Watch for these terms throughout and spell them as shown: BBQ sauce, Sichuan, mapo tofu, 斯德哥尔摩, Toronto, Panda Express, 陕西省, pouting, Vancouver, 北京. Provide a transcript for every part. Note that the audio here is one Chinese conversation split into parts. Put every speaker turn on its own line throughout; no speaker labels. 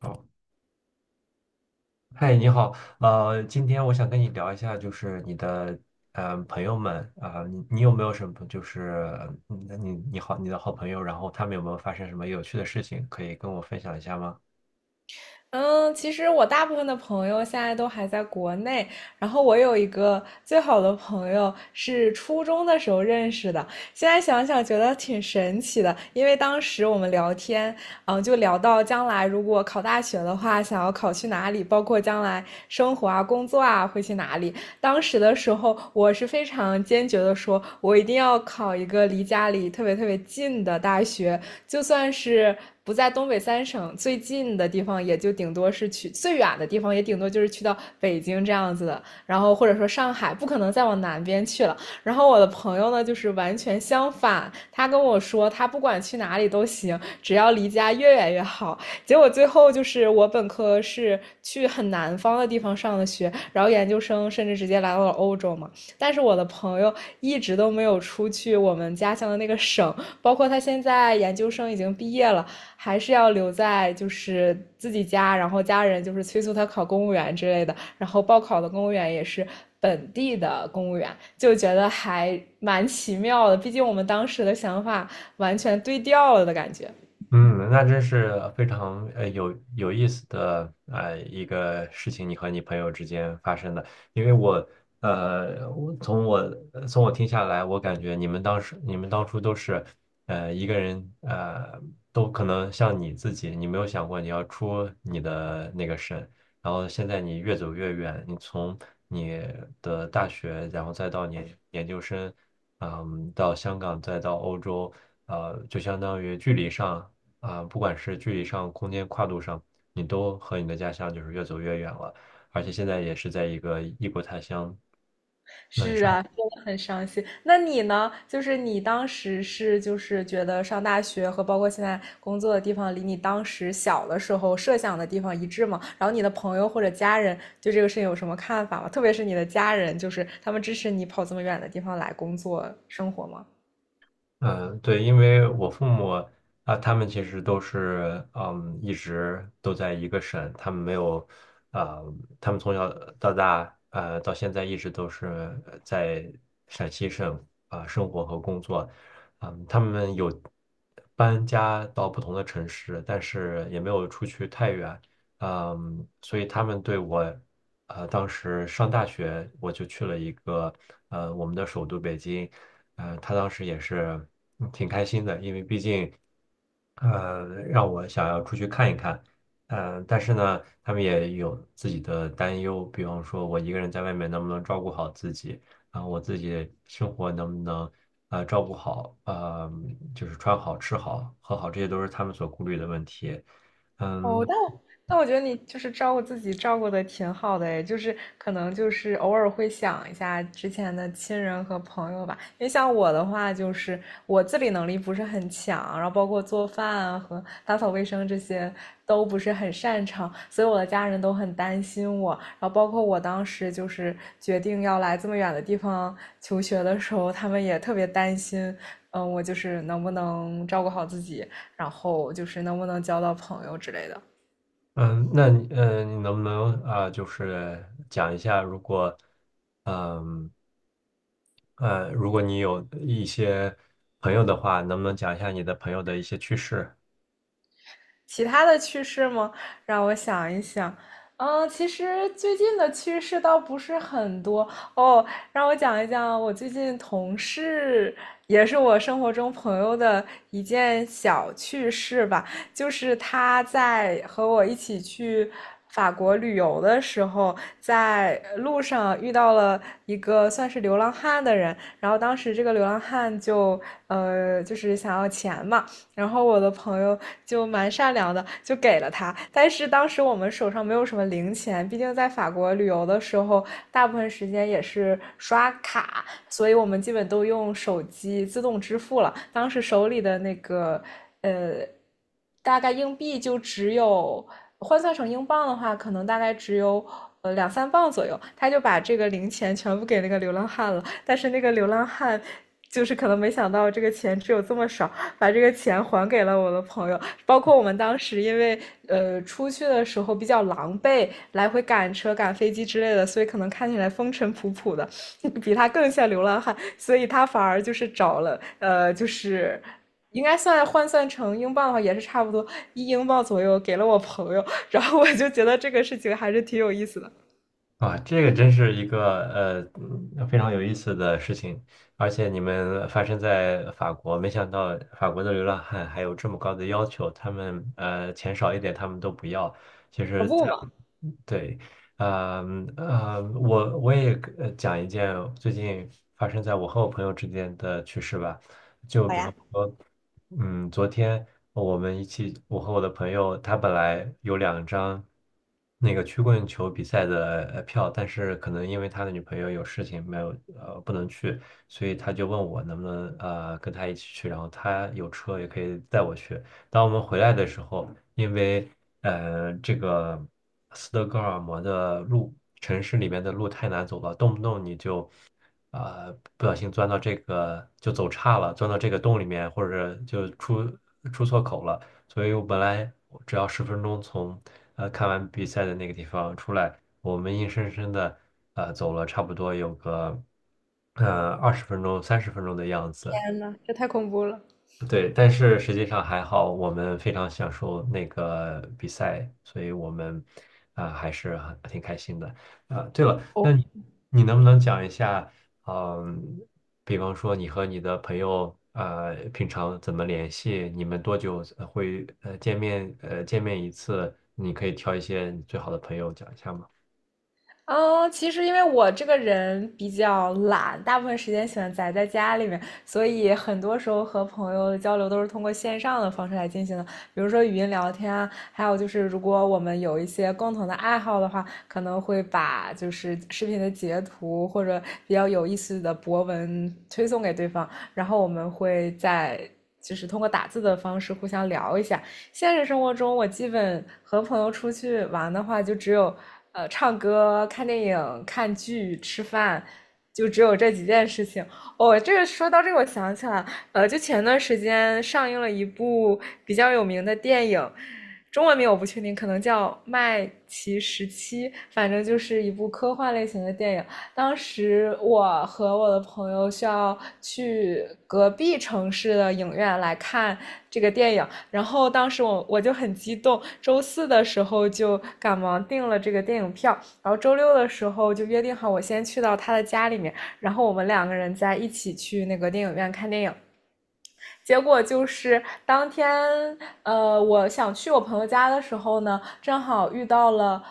好。嗨，你好，今天我想跟你聊一下，就是你的朋友们啊、你有没有什么就是你的好朋友，然后他们有没有发生什么有趣的事情，可以跟我分享一下吗？
嗯，其实我大部分的朋友现在都还在国内，然后我有一个最好的朋友是初中的时候认识的，现在想想觉得挺神奇的，因为当时我们聊天，嗯，就聊到将来如果考大学的话，想要考去哪里，包括将来生活啊、工作啊会去哪里。当时的时候，我是非常坚决的说，我一定要考一个离家里特别特别近的大学，就算是。不在东北三省最近的地方，也就顶多是去最远的地方，也顶多就是去到北京这样子的，然后或者说上海，不可能再往南边去了。然后我的朋友呢，就是完全相反，他跟我说他不管去哪里都行，只要离家越远越好。结果最后就是我本科是去很南方的地方上的学，然后研究生甚至直接来到了欧洲嘛。但是我的朋友一直都没有出去我们家乡的那个省，包括他现在研究生已经毕业了，还是要留在就是自己家，然后家人就是催促他考公务员之类的。然后报考的公务员也是本地的公务员，就觉得还蛮奇妙的。毕竟我们当时的想法完全对调了的感觉。
嗯，那真是非常有意思的一个事情，你和你朋友之间发生的。因为我呃，我从从我听下来，我感觉你们当初都是呃一个人呃都可能像你自己，你没有想过你要出你的那个省，然后现在你越走越远，你从你的大学，然后再到你研究生，嗯，到香港，再到欧洲。呃，就相当于距离上。啊、不管是距离上、空间跨度上，你都和你的家乡就是越走越远了。而且现在也是在一个异国他乡，嗯，
是
生活。
啊，真的很伤心。那你呢？就是你当时是就是觉得上大学和包括现在工作的地方，离你当时小的时候设想的地方一致吗？然后你的朋友或者家人对这个事情有什么看法吗？特别是你的家人，就是他们支持你跑这么远的地方来工作生活吗？
嗯，对，因为我父母啊，他们其实都是嗯，一直都在一个省，他们没有，啊，他们从小到大，到现在一直都是在陕西省啊，生活和工作，嗯，他们有搬家到不同的城市，但是也没有出去太远，嗯，所以他们对我。当时上大学我就去了一个我们的首都北京，他当时也是嗯挺开心的，因为毕竟让我想要出去看一看，但是呢，他们也有自己的担忧，比方说我一个人在外面能不能照顾好自己，啊、我自己生活能不能照顾好，就是穿好、吃好、喝好，这些都是他们所顾虑的问题。
哦，
嗯，
但我觉得你就是照顾自己照顾的挺好的诶，就是可能就是偶尔会想一下之前的亲人和朋友吧。因为像我的话，就是我自理能力不是很强，然后包括做饭啊和打扫卫生这些都不是很擅长，所以我的家人都很担心我。然后包括我当时就是决定要来这么远的地方求学的时候，他们也特别担心，嗯，我就是能不能照顾好自己。然后就是能不能交到朋友之类的。
嗯，那你你能不能啊、就是讲一下，嗯如果你有一些朋友的话，能不能讲一下你的朋友的一些趣事？
其他的趣事吗？让我想一想。嗯，其实最近的趣事倒不是很多哦。让我讲一讲我最近同事，也是我生活中朋友的一件小趣事吧。就是他在和我一起去法国旅游的时候，在路上遇到了一个算是流浪汉的人，然后当时这个流浪汉就就是想要钱嘛，然后我的朋友就蛮善良的，就给了他。但是当时我们手上没有什么零钱，毕竟在法国旅游的时候，大部分时间也是刷卡，所以我们基本都用手机自动支付了。当时手里的那个大概硬币就只有换算成英镑的话，可能大概只有两三磅左右。他就把这个零钱全部给那个流浪汉了，但是那个流浪汉就是可能没想到这个钱只有这么少，把这个钱还给了我的朋友。包括我们当时因为出去的时候比较狼狈，来回赶车、赶飞机之类的，所以可能看起来风尘仆仆的，比他更像流浪汉，所以他反而就是找了就是应该算换算成英镑的话，也是差不多1英镑左右给了我朋友，然后我就觉得这个事情还是挺有意思的。
啊，这个真是一个非常有意思的事情，而且你们发生在法国，没想到法国的流浪汉还有这么高的要求，他们钱少一点他们都不要。其
可
实
不
在，
嘛！
对，呃我也讲一件最近发生在我和我朋友之间的趣事吧，就比方说。嗯，昨天我们一起，我和我的朋友，他本来有两张那个曲棍球比赛的票，但是可能因为他的女朋友有事情没有呃不能去，所以他就问我能不能跟他一起去，然后他有车也可以带我去，当我们回来的时候，因为这个斯德哥尔摩的路，城市里面的路太难走了，动不动你就啊、不小心钻到这个就走岔了，钻到这个洞里面，或者就出错口了。所以我本来我只要十分钟从看完比赛的那个地方出来，我们硬生生的走了差不多有个二十分钟、三十分钟的样子。
天呐，这太恐怖了！
对，但是实际上还好，我们非常享受那个比赛，所以我们啊、还是很挺开心的啊、对了，
我
那你能不能讲一下，嗯、比方说你和你的朋友平常怎么联系？你们多久会见面一次？你可以挑一些你最好的朋友讲一下吗？
嗯，其实因为我这个人比较懒，大部分时间喜欢宅在家里面，所以很多时候和朋友的交流都是通过线上的方式来进行的，比如说语音聊天啊，还有就是如果我们有一些共同的爱好的话，可能会把就是视频的截图或者比较有意思的博文推送给对方，然后我们会在。就是通过打字的方式互相聊一下，现实生活中，我基本和朋友出去玩的话，就只有唱歌、看电影、看剧、吃饭，就只有这几件事情。哦，这个说到这个，我想起来，呃，就前段时间上映了一部比较有名的电影，中文名我不确定，可能叫《麦奇十七》，反正就是一部科幻类型的电影。当时我和我的朋友需要去隔壁城市的影院来看这个电影，然后当时我就很激动，周四的时候就赶忙订了这个电影票，然后周六的时候就约定好我先去到他的家里面，然后我们两个人再一起去那个电影院看电影。结果就是当天，我想去我朋友家的时候呢，正好遇到了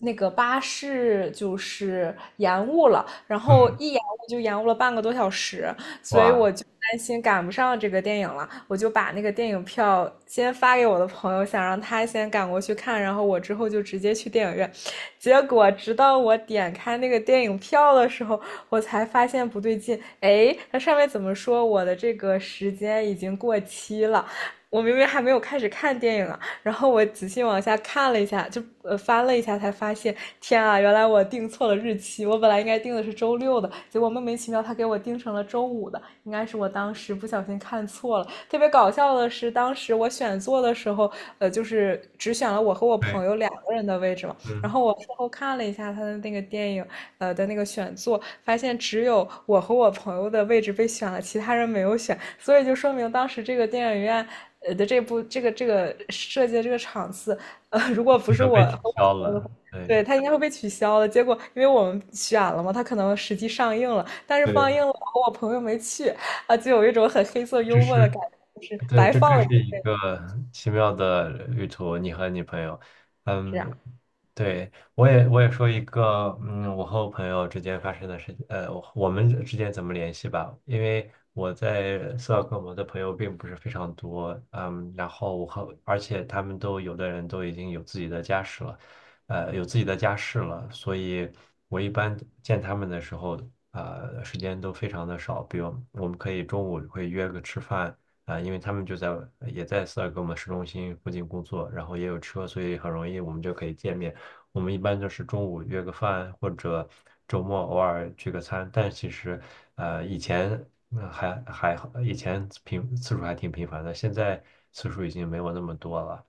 那个巴士就是延误了，然后
嗯，
一延误就延误了半个多小时，所以我
哇，
就担心赶不上这个电影了，我就把那个电影票先发给我的朋友，想让他先赶过去看，然后我之后就直接去电影院。结果直到我点开那个电影票的时候，我才发现不对劲，哎，它上面怎么说我的这个时间已经过期了？我明明还没有开始看电影啊，然后我仔细往下看了一下，就翻了一下，才发现，天啊，原来我定错了日期，我本来应该定的是周六的，结果莫名其妙他给我定成了周五的，应该是我当时不小心看错了。特别搞笑的是，当时我选座的时候，呃，就是只选了我和我
对，
朋友两个人的位置嘛，然
嗯，
后我事后看了一下他的那个电影，的那个选座，发现只有我和我朋友的位置被选了，其他人没有选，所以就说明当时这个电影院，的这部这个设计的这个场次，如果不
可
是
能
我
被取
和我
消
朋友的
了，
话，
对。
对，他应该会被取消的。结果因为我们选了嘛，他可能实际上映了，但是放
对，
映了，我和我朋友没去，啊，就有一种很黑色
这
幽默的
是
感觉，就是
对，
白
这
放
真
了一
是一
遍，
个奇妙的旅途，你和你朋友，
这
嗯，
样。
对，我也说一个，嗯，我和我朋友之间发生的事情，我们之间怎么联系吧？因为我在斯德哥尔摩的朋友并不是非常多，嗯，然后而且他们都有的人都已经有自己的家室了，有自己的家室了，所以我一般见他们的时候，时间都非常的少，比如我们可以中午会约个吃饭。啊、因为他们就在也在斯德格尔摩市中心附近工作，然后也有车，所以很容易我们就可以见面。我们一般就是中午约个饭，或者周末偶尔聚个餐。但其实，以前还好，以前频次数还挺频繁的，现在次数已经没有那么多了。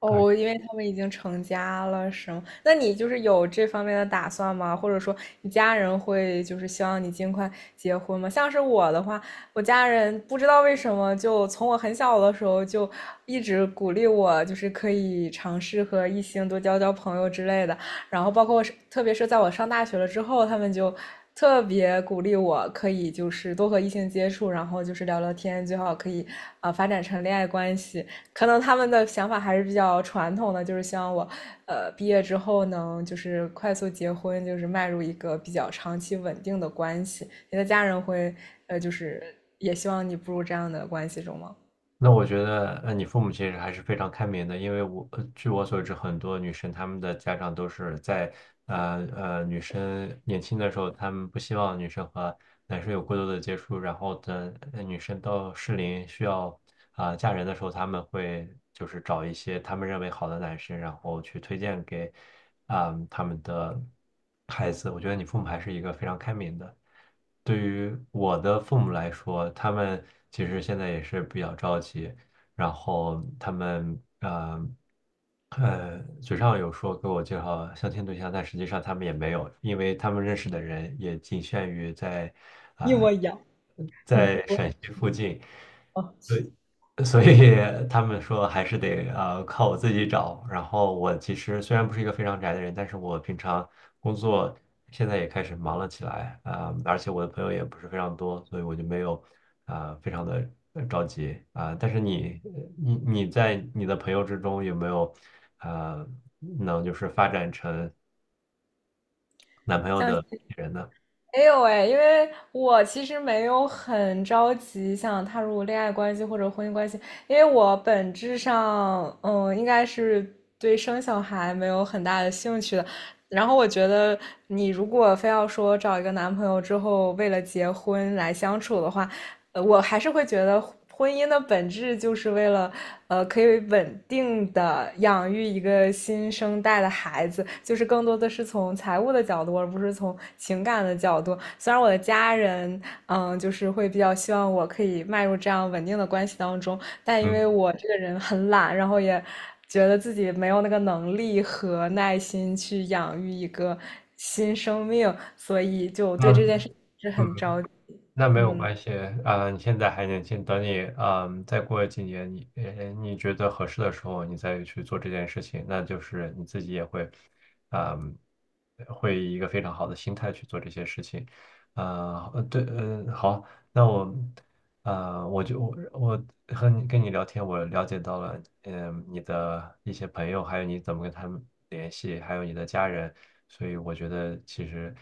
哦，因为他们已经成家了，是吗？那你就是有这方面的打算吗？或者说，你家人会就是希望你尽快结婚吗？像是我的话，我家人不知道为什么，就从我很小的时候就一直鼓励我，就是可以尝试和异性多交交朋友之类的。然后，包括我是特别是在我上大学了之后，他们就特别鼓励我可以就是多和异性接触，然后就是聊聊天，最好可以发展成恋爱关系。可能他们的想法还是比较传统的，就是希望我，毕业之后能就是快速结婚，就是迈入一个比较长期稳定的关系。你的家人会，就是也希望你步入这样的关系中吗？
那我觉得，你父母其实还是非常开明的，因为我，据我所知，很多女生她们的家长都是在，呃女生年轻的时候，她们不希望女生和男生有过多的接触，然后等女生到适龄需要啊、嫁人的时候，他们会就是找一些他们认为好的男生，然后去推荐给啊、他们的孩子。我觉得你父母还是一个非常开明的。对于我的父母来说，他们其实现在也是比较着急，然后他们嘴上有说给我介绍相亲对象，但实际上他们也没有，因为他们认识的人也仅限于在
一
啊、
模一样。嗯，
在陕西附近，
哦，
对，所以他们说还是得靠我自己找。然后我其实虽然不是一个非常宅的人，但是我平常工作现在也开始忙了起来啊、而且我的朋友也不是非常多，所以我就没有啊、非常的着急啊、但是你在你的朋友之中有没有啊能就是发展成男朋友的人呢？
没有哎，因为我其实没有很着急想踏入恋爱关系或者婚姻关系，因为我本质上，嗯，应该是对生小孩没有很大的兴趣的。然后我觉得，你如果非要说找一个男朋友之后为了结婚来相处的话，我还是会觉得婚姻的本质就是为了，可以稳定的养育一个新生代的孩子，就是更多的是从财务的角度，而不是从情感的角度。虽然我的家人，嗯，就是会比较希望我可以迈入这样稳定的关系当中，但因为
嗯，
我这个人很懒，然后也觉得自己没有那个能力和耐心去养育一个新生命，所以就
那
对这件事是
嗯，
很着急。
那没有
嗯。
关系，啊、你现在还年轻，等你，嗯，再过几年，你，你觉得合适的时候，你再去做这件事情，那就是你自己也会，嗯，会以一个非常好的心态去做这些事情，啊、对，嗯、好，那我，我就和你聊天，我了解到了，嗯，你的一些朋友，还有你怎么跟他们联系，还有你的家人，所以我觉得其实，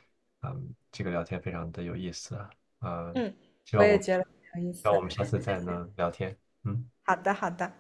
嗯，这个聊天非常的有意思。呃，
嗯，
希
我
望我
也
们，
觉得很有意
希望我
思。
们下次再能聊天。嗯。
好的，好的，